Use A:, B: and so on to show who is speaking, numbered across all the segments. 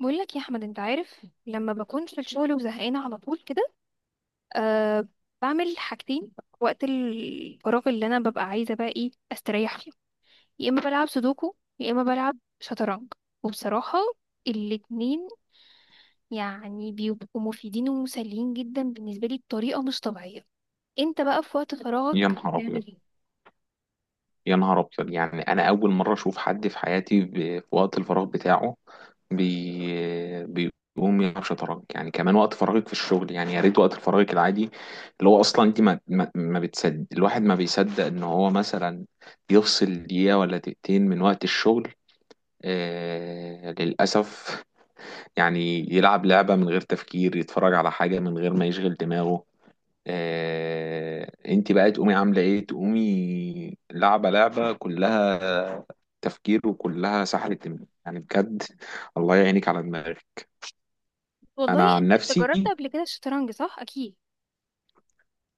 A: بقول لك يا احمد، انت عارف لما بكون في الشغل وزهقانه على طول كده. أه بعمل حاجتين. وقت الفراغ اللي انا ببقى عايزه بقى ايه استريح فيه. يا اما بلعب سودوكو يا اما بلعب شطرنج. وبصراحه الاتنين يعني بيبقوا مفيدين ومسليين جدا بالنسبه لي بطريقه مش طبيعيه. انت بقى في وقت
B: يا
A: فراغك؟
B: نهار ابيض، يا نهار ابيض، يعني انا اول مره اشوف حد في حياتي في وقت الفراغ بتاعه بيقوم يلعب شطرنج. يعني كمان وقت فراغك في الشغل؟ يعني يا ريت وقت فراغك العادي اللي هو اصلا انت ما بتصدق، الواحد ما بيصدق ان هو مثلا يفصل دقيقه ولا دقيقتين من وقت الشغل. للاسف. يعني يلعب لعبه من غير تفكير، يتفرج على حاجه من غير ما يشغل دماغه. انت بقى تقومي عامله ايه؟ تقومي لعبه، لعبه كلها تفكير وكلها سحله دماغ. يعني بجد الله يعينك على دماغك. انا
A: والله
B: عن
A: انت جربت
B: نفسي
A: قبل كده الشطرنج صح اكيد؟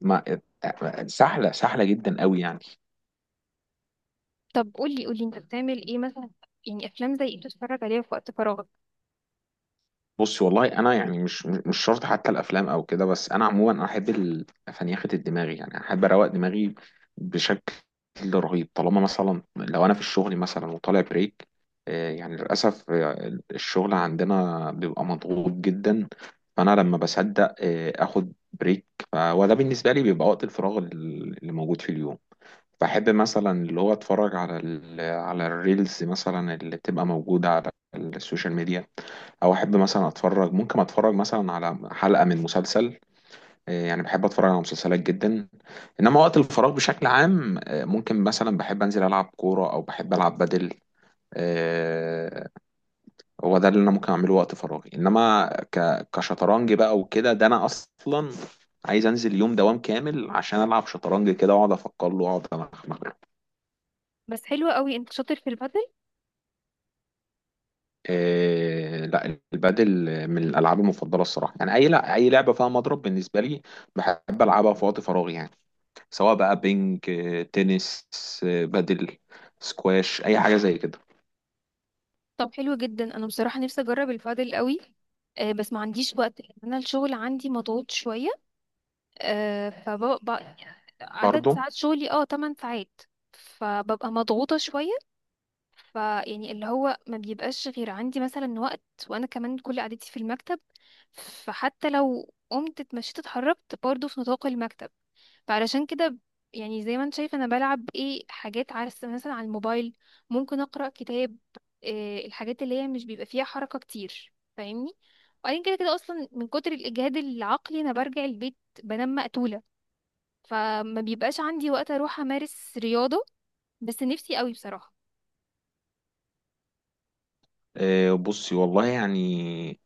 B: ما سحله جدا قوي يعني.
A: طب قولي قولي انت بتعمل ايه مثلا؟ يعني افلام زي ايه بتتفرج عليها في وقت فراغك؟
B: بصي والله انا يعني مش شرط حتى الافلام او كده، بس انا عموما انا احب الفنيخه دماغي، يعني احب اروق دماغي بشكل رهيب. طالما مثلا لو انا في الشغل مثلا وطالع بريك، يعني للاسف الشغل عندنا بيبقى مضغوط جدا. فانا لما بصدق اخد بريك، وده بالنسبه لي بيبقى وقت الفراغ اللي موجود في اليوم. بحب مثلا اللي هو اتفرج على ال على الريلز مثلا اللي بتبقى موجودة على السوشيال ميديا، او احب مثلا اتفرج، ممكن اتفرج مثلا على حلقة من مسلسل. يعني بحب اتفرج على مسلسلات جدا. انما وقت الفراغ بشكل عام ممكن مثلا بحب انزل العب كورة، او بحب العب بدل. آه، هو ده اللي انا ممكن اعمله وقت فراغي. انما كشطرنج بقى وكده، ده انا اصلا عايز انزل يوم دوام كامل عشان العب شطرنج كده واقعد افكر له واقعد.
A: بس حلو قوي، انت شاطر في البدل.
B: لا، البادل من الالعاب المفضله الصراحه. يعني اي، لا، اي لعبه فيها مضرب بالنسبه لي بحب العبها في وقت فراغي يعني. سواء بقى بينج تنس، بادل، سكواش، اي حاجه زي كده.
A: طب حلو جدا، انا بصراحه نفسي اجرب البادل قوي. بس ما عنديش وقت لأن انا الشغل عندي مضغوط شويه. آه، فببقى عدد
B: برضه
A: ساعات شغلي 8 ساعات، فببقى مضغوطه شويه. فيعني اللي هو ما بيبقاش غير عندي مثلا وقت. وانا كمان كل قعدتي في المكتب، فحتى لو قمت اتمشيت اتحركت برضه في نطاق المكتب. فعلشان كده يعني زي ما انت شايف انا بلعب ايه حاجات عارف مثلا على الموبايل، ممكن اقرا كتاب. إيه الحاجات اللي هي مش بيبقى فيها حركه كتير فاهمني؟ وبعدين كده كده اصلا من كتر الاجهاد العقلي انا برجع البيت بنام مقتوله، فما بيبقاش عندي وقت اروح امارس رياضه. بس نفسي قوي بصراحه.
B: بصي والله يعني،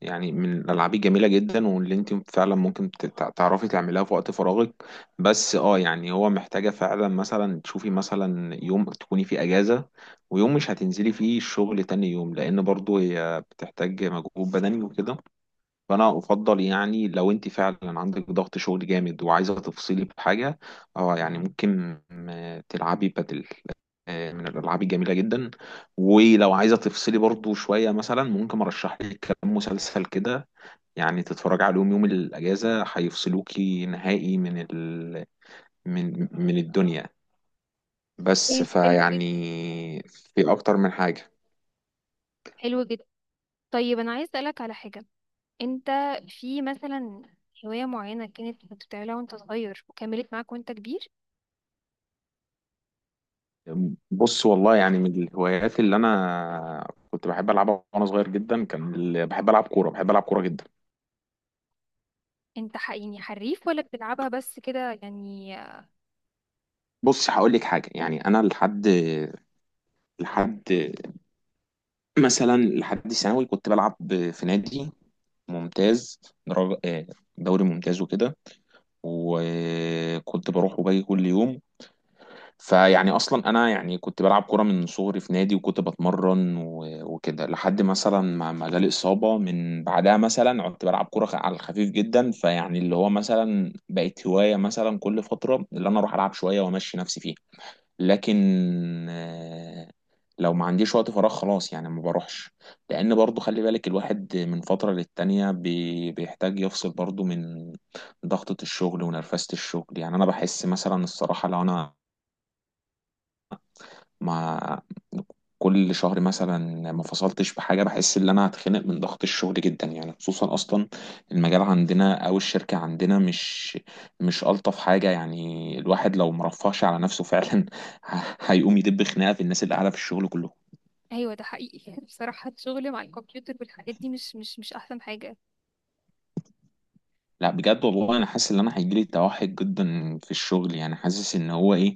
B: يعني من الالعاب الجميله جدا واللي انت فعلا ممكن تعرفي تعمليها في وقت فراغك. بس اه يعني هو محتاجه فعلا مثلا تشوفي مثلا يوم تكوني فيه اجازه، ويوم مش هتنزلي فيه الشغل تاني يوم، لان برضو هي بتحتاج مجهود بدني وكده. فانا افضل يعني لو انت فعلا عندك ضغط شغل جامد وعايزه تفصلي بحاجه، اه يعني ممكن تلعبي بادل. من الالعاب الجميله جدا. ولو عايزه تفصلي برضو شويه، مثلا ممكن ارشح لك كام مسلسل كده يعني تتفرج عليهم يوم الأجازة، هيفصلوكي نهائي من ال... من من الدنيا. بس
A: طيب حلو
B: فيعني
A: جدا،
B: في أكتر من حاجة.
A: حلو جدا. طيب انا عايز اسالك على حاجه. انت في مثلا هوايه معينه كانت كنت بتعملها وانت صغير وكملت معاك وانت كبير؟
B: بص والله يعني من الهوايات اللي أنا كنت بحب ألعبها وأنا صغير جدا كان بحب ألعب كورة، بحب ألعب كورة جدا.
A: يعني حريف ولا بتلعبها بس كده يعني؟
B: بص هقول لك حاجة، يعني أنا لحد مثلا لحد ثانوي كنت بلعب في نادي ممتاز، درجة دوري ممتاز وكده، وكنت بروح وباجي كل يوم. فيعني اصلا انا يعني كنت بلعب كوره من صغري في نادي، وكنت بتمرن وكده لحد مثلا ما جالي اصابه. من بعدها مثلا كنت بلعب كوره على الخفيف جدا، فيعني اللي هو مثلا بقت هوايه مثلا كل فتره اللي انا اروح العب شويه وامشي نفسي فيها. لكن آه، لو ما عنديش وقت فراغ خلاص يعني ما بروحش، لان برضو خلي بالك الواحد من فتره للتانيه بيحتاج يفصل برضو من ضغطه الشغل ونرفزه الشغل. يعني انا بحس مثلا الصراحه لو انا ما كل شهر مثلا ما فصلتش بحاجه، بحس ان انا هتخنق من ضغط الشغل جدا، يعني خصوصا اصلا المجال عندنا او الشركه عندنا مش الطف حاجه. يعني الواحد لو مرفهش على نفسه فعلا هيقوم يدب خناقه في الناس اللي قاعده في الشغل كلهم.
A: ايوه ده حقيقي يعني بصراحة الشغل مع الكمبيوتر والحاجات دي مش احسن حاجة.
B: لا بجد والله انا حاسس ان انا هيجيلي توحد جدا في الشغل، يعني حاسس ان هو ايه،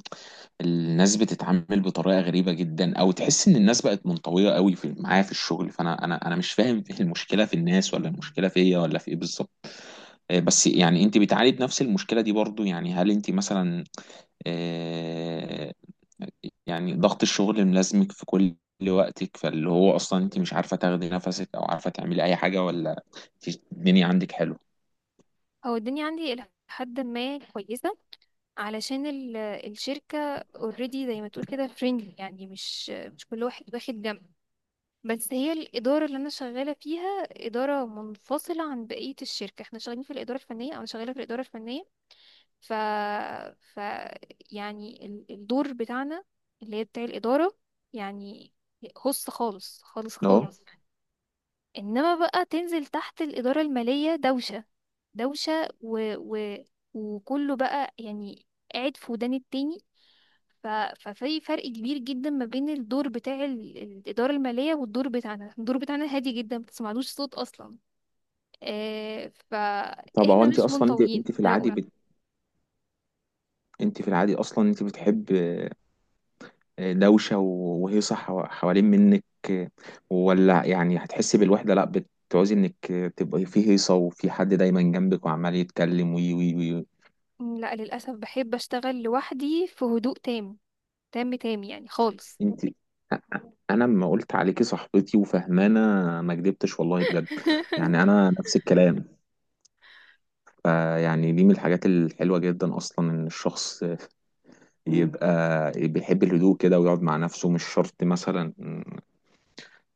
B: الناس بتتعامل بطريقه غريبه جدا، او تحس ان الناس بقت منطويه قوي في معايا في الشغل. فانا انا انا مش فاهم ايه المشكله، في الناس ولا المشكله فيا ولا في ايه بالظبط. بس يعني انت بتعاني نفس المشكله دي برضو؟ يعني هل انت مثلا الشغل ملازمك في وقتك؟ انت مش اي حاجه ولا؟
A: هو دي عندي الى حد ما كويسة، علشان الشركة اوريدي بتقول كده فريندلي، يعني مش لوحدي الجامعة. هي الإدارة اللي أنا شغالة فيها إدارة منفصلة عن بقية الشركة، احنا شغالين في الإدارة الفنية أو في الإدارة الفنية. ف... ف... يعني الدور بت- اللي هي بتاع الخاص خالص. انما بقى تنزل تحت الإدارة المالية دوشة دوشة وكله بقى يعني فلان التاني. ف... ففي فرق كبير جدا ما بين الدور بتاع الإدارة المالية والدور بتاعنا. الدور بتاعنا هادي جدا ما بتسمعلوش صوت أصلا.
B: طب هو
A: فإحنا
B: انت
A: مش
B: اصلا انت
A: منطويين
B: انت في العادي
A: هقول.
B: انت في العادي اصلا انت بتحب دوشة حوالين منك، ولا يعني هتحسي بالوحدة، لا بتعوزي انك تبقي في هيصة وفي حد دايما جنبك وعمال يتكلم وي وي وي
A: لا للأسف، بحب أشتغل لوحدي في هدوء تام. تام تام يعني خالص.
B: انت، انا لما قلت عليكي صاحبتي وفهمانة ما كدبتش والله بجد. يعني انا نفس الكلام. فيعني دي من الحاجات الحلوة جدا اصلا ان الشخص يبقى بيحب الهدوء كده ويقعد مع نفسه، مش شرط مثلا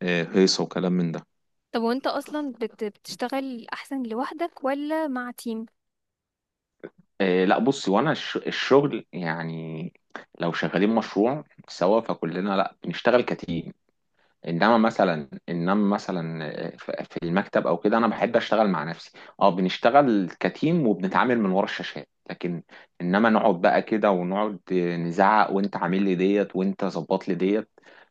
B: هيصة وكلام من ده.
A: طب وانت أصلا بتشتغل أحسن لوحدك ولا مع تيم؟
B: إيه، لا بصي، وانا الشغل يعني لو شغالين مشروع سوا فكلنا، لا بنشتغل كتيم. انما مثلا، انما مثلا في المكتب او كده انا بحب اشتغل مع نفسي. اه بنشتغل كتيم وبنتعامل من ورا الشاشات، لكن انما نقعد بقى كده ونقعد نزعق وانت عامل لي ديت وانت ظبط لي ديت،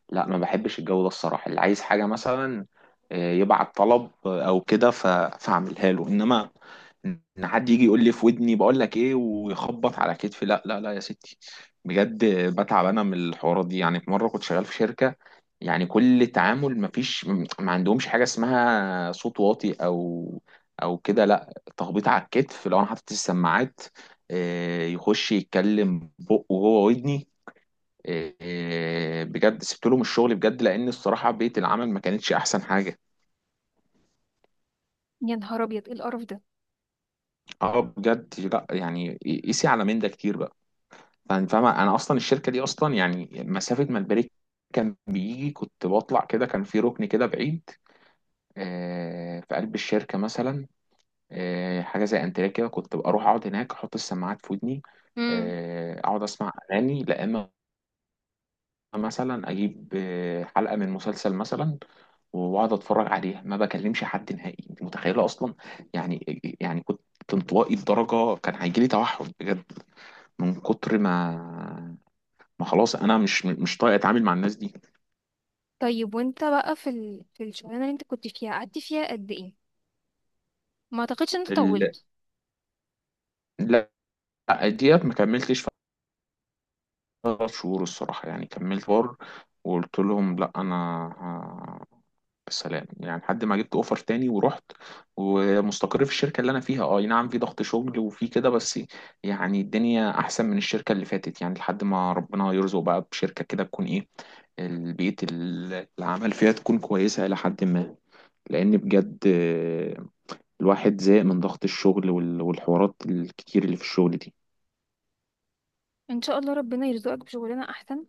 B: لا ما بحبش الجو ده الصراحه. اللي عايز حاجه مثلا يبعت طلب او كده، فاعملها له. انما ان حد يجي يقول لي في ودني بقول لك ايه ويخبط على كتفي، لا لا لا يا ستي، بجد بتعب انا من الحوارات دي. يعني في مره كنت شغال في شركه، يعني كل تعامل مفيش، ما عندهمش حاجة اسمها صوت واطي او او كده، لا تخبيط على الكتف لو انا حاطط السماعات، يخش يتكلم بقه وهو ودني. بجد سبت لهم الشغل بجد لان الصراحة بيئة العمل ما كانتش احسن حاجة.
A: يا نهار أبيض، إيه القرف
B: اه بجد لا يعني قيسي على من ده كتير بقى، فاهم فاهمة؟ انا اصلا الشركة دي اصلا يعني مسافة ما البريك كان بيجي كنت بطلع كده، كان في ركن كده بعيد في قلب الشركة مثلا، حاجه زي انتريه كده، كنت ببقى اروح اقعد هناك احط السماعات في ودني.
A: ده!
B: اقعد اسمع اغاني، لا اما مثلا اجيب حلقه من مسلسل مثلا واقعد اتفرج عليها، ما بكلمش حد نهائي. انت متخيله اصلا؟ يعني يعني كنت انطوائي لدرجه كان هيجي لي توحد بجد، من كتر ما خلاص انا مش طايق اتعامل مع الناس دي.
A: طيب وانت بقى في في الشغلانه اللي انت كنت فيها قعدت فيها قد ايه؟ ما اعتقدش ان انت
B: ال-
A: طولت.
B: لا، ديت ما كملتش ثلاث شهور الصراحه. يعني كملت شهور وقلت لهم لا انا سلام، يعني لحد ما جبت اوفر تاني ورحت. ومستقر في الشركه اللي انا فيها، اه أي نعم في ضغط شغل وفي كده، بس يعني الدنيا احسن من الشركه اللي فاتت. يعني لحد ما ربنا يرزق بقى بشركه كده تكون ايه، البيئه العمل فيها تكون كويسه الى حد ما. لان بجد الواحد زهق من ضغط الشغل والحوارات الكتير اللي في الشغل دي.
A: ان شاء الله ربنا يرزقك بشغلانه احسن،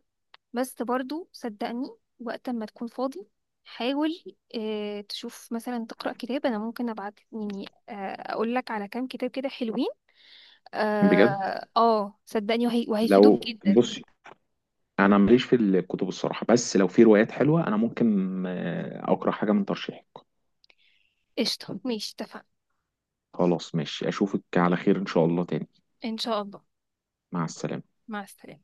A: بس برضو صدقني وقت ما تكون فاضي حاول تشوف مثلا تقرا كتاب. انا ممكن ابعت يعني اقول لك على كام كتاب كده حلوين.
B: بجد
A: صدقني وهيفيدوك
B: لو
A: جدا.
B: بصي انا ماليش في الكتب الصراحه، بس لو في روايات حلوه انا ممكن اقرا حاجه من ترشيحك.
A: قشطه ماشي اتفقنا.
B: خلاص ماشي، اشوفك على خير ان شاء الله تاني.
A: ان شاء الله.
B: مع السلامة.
A: مع السلامه.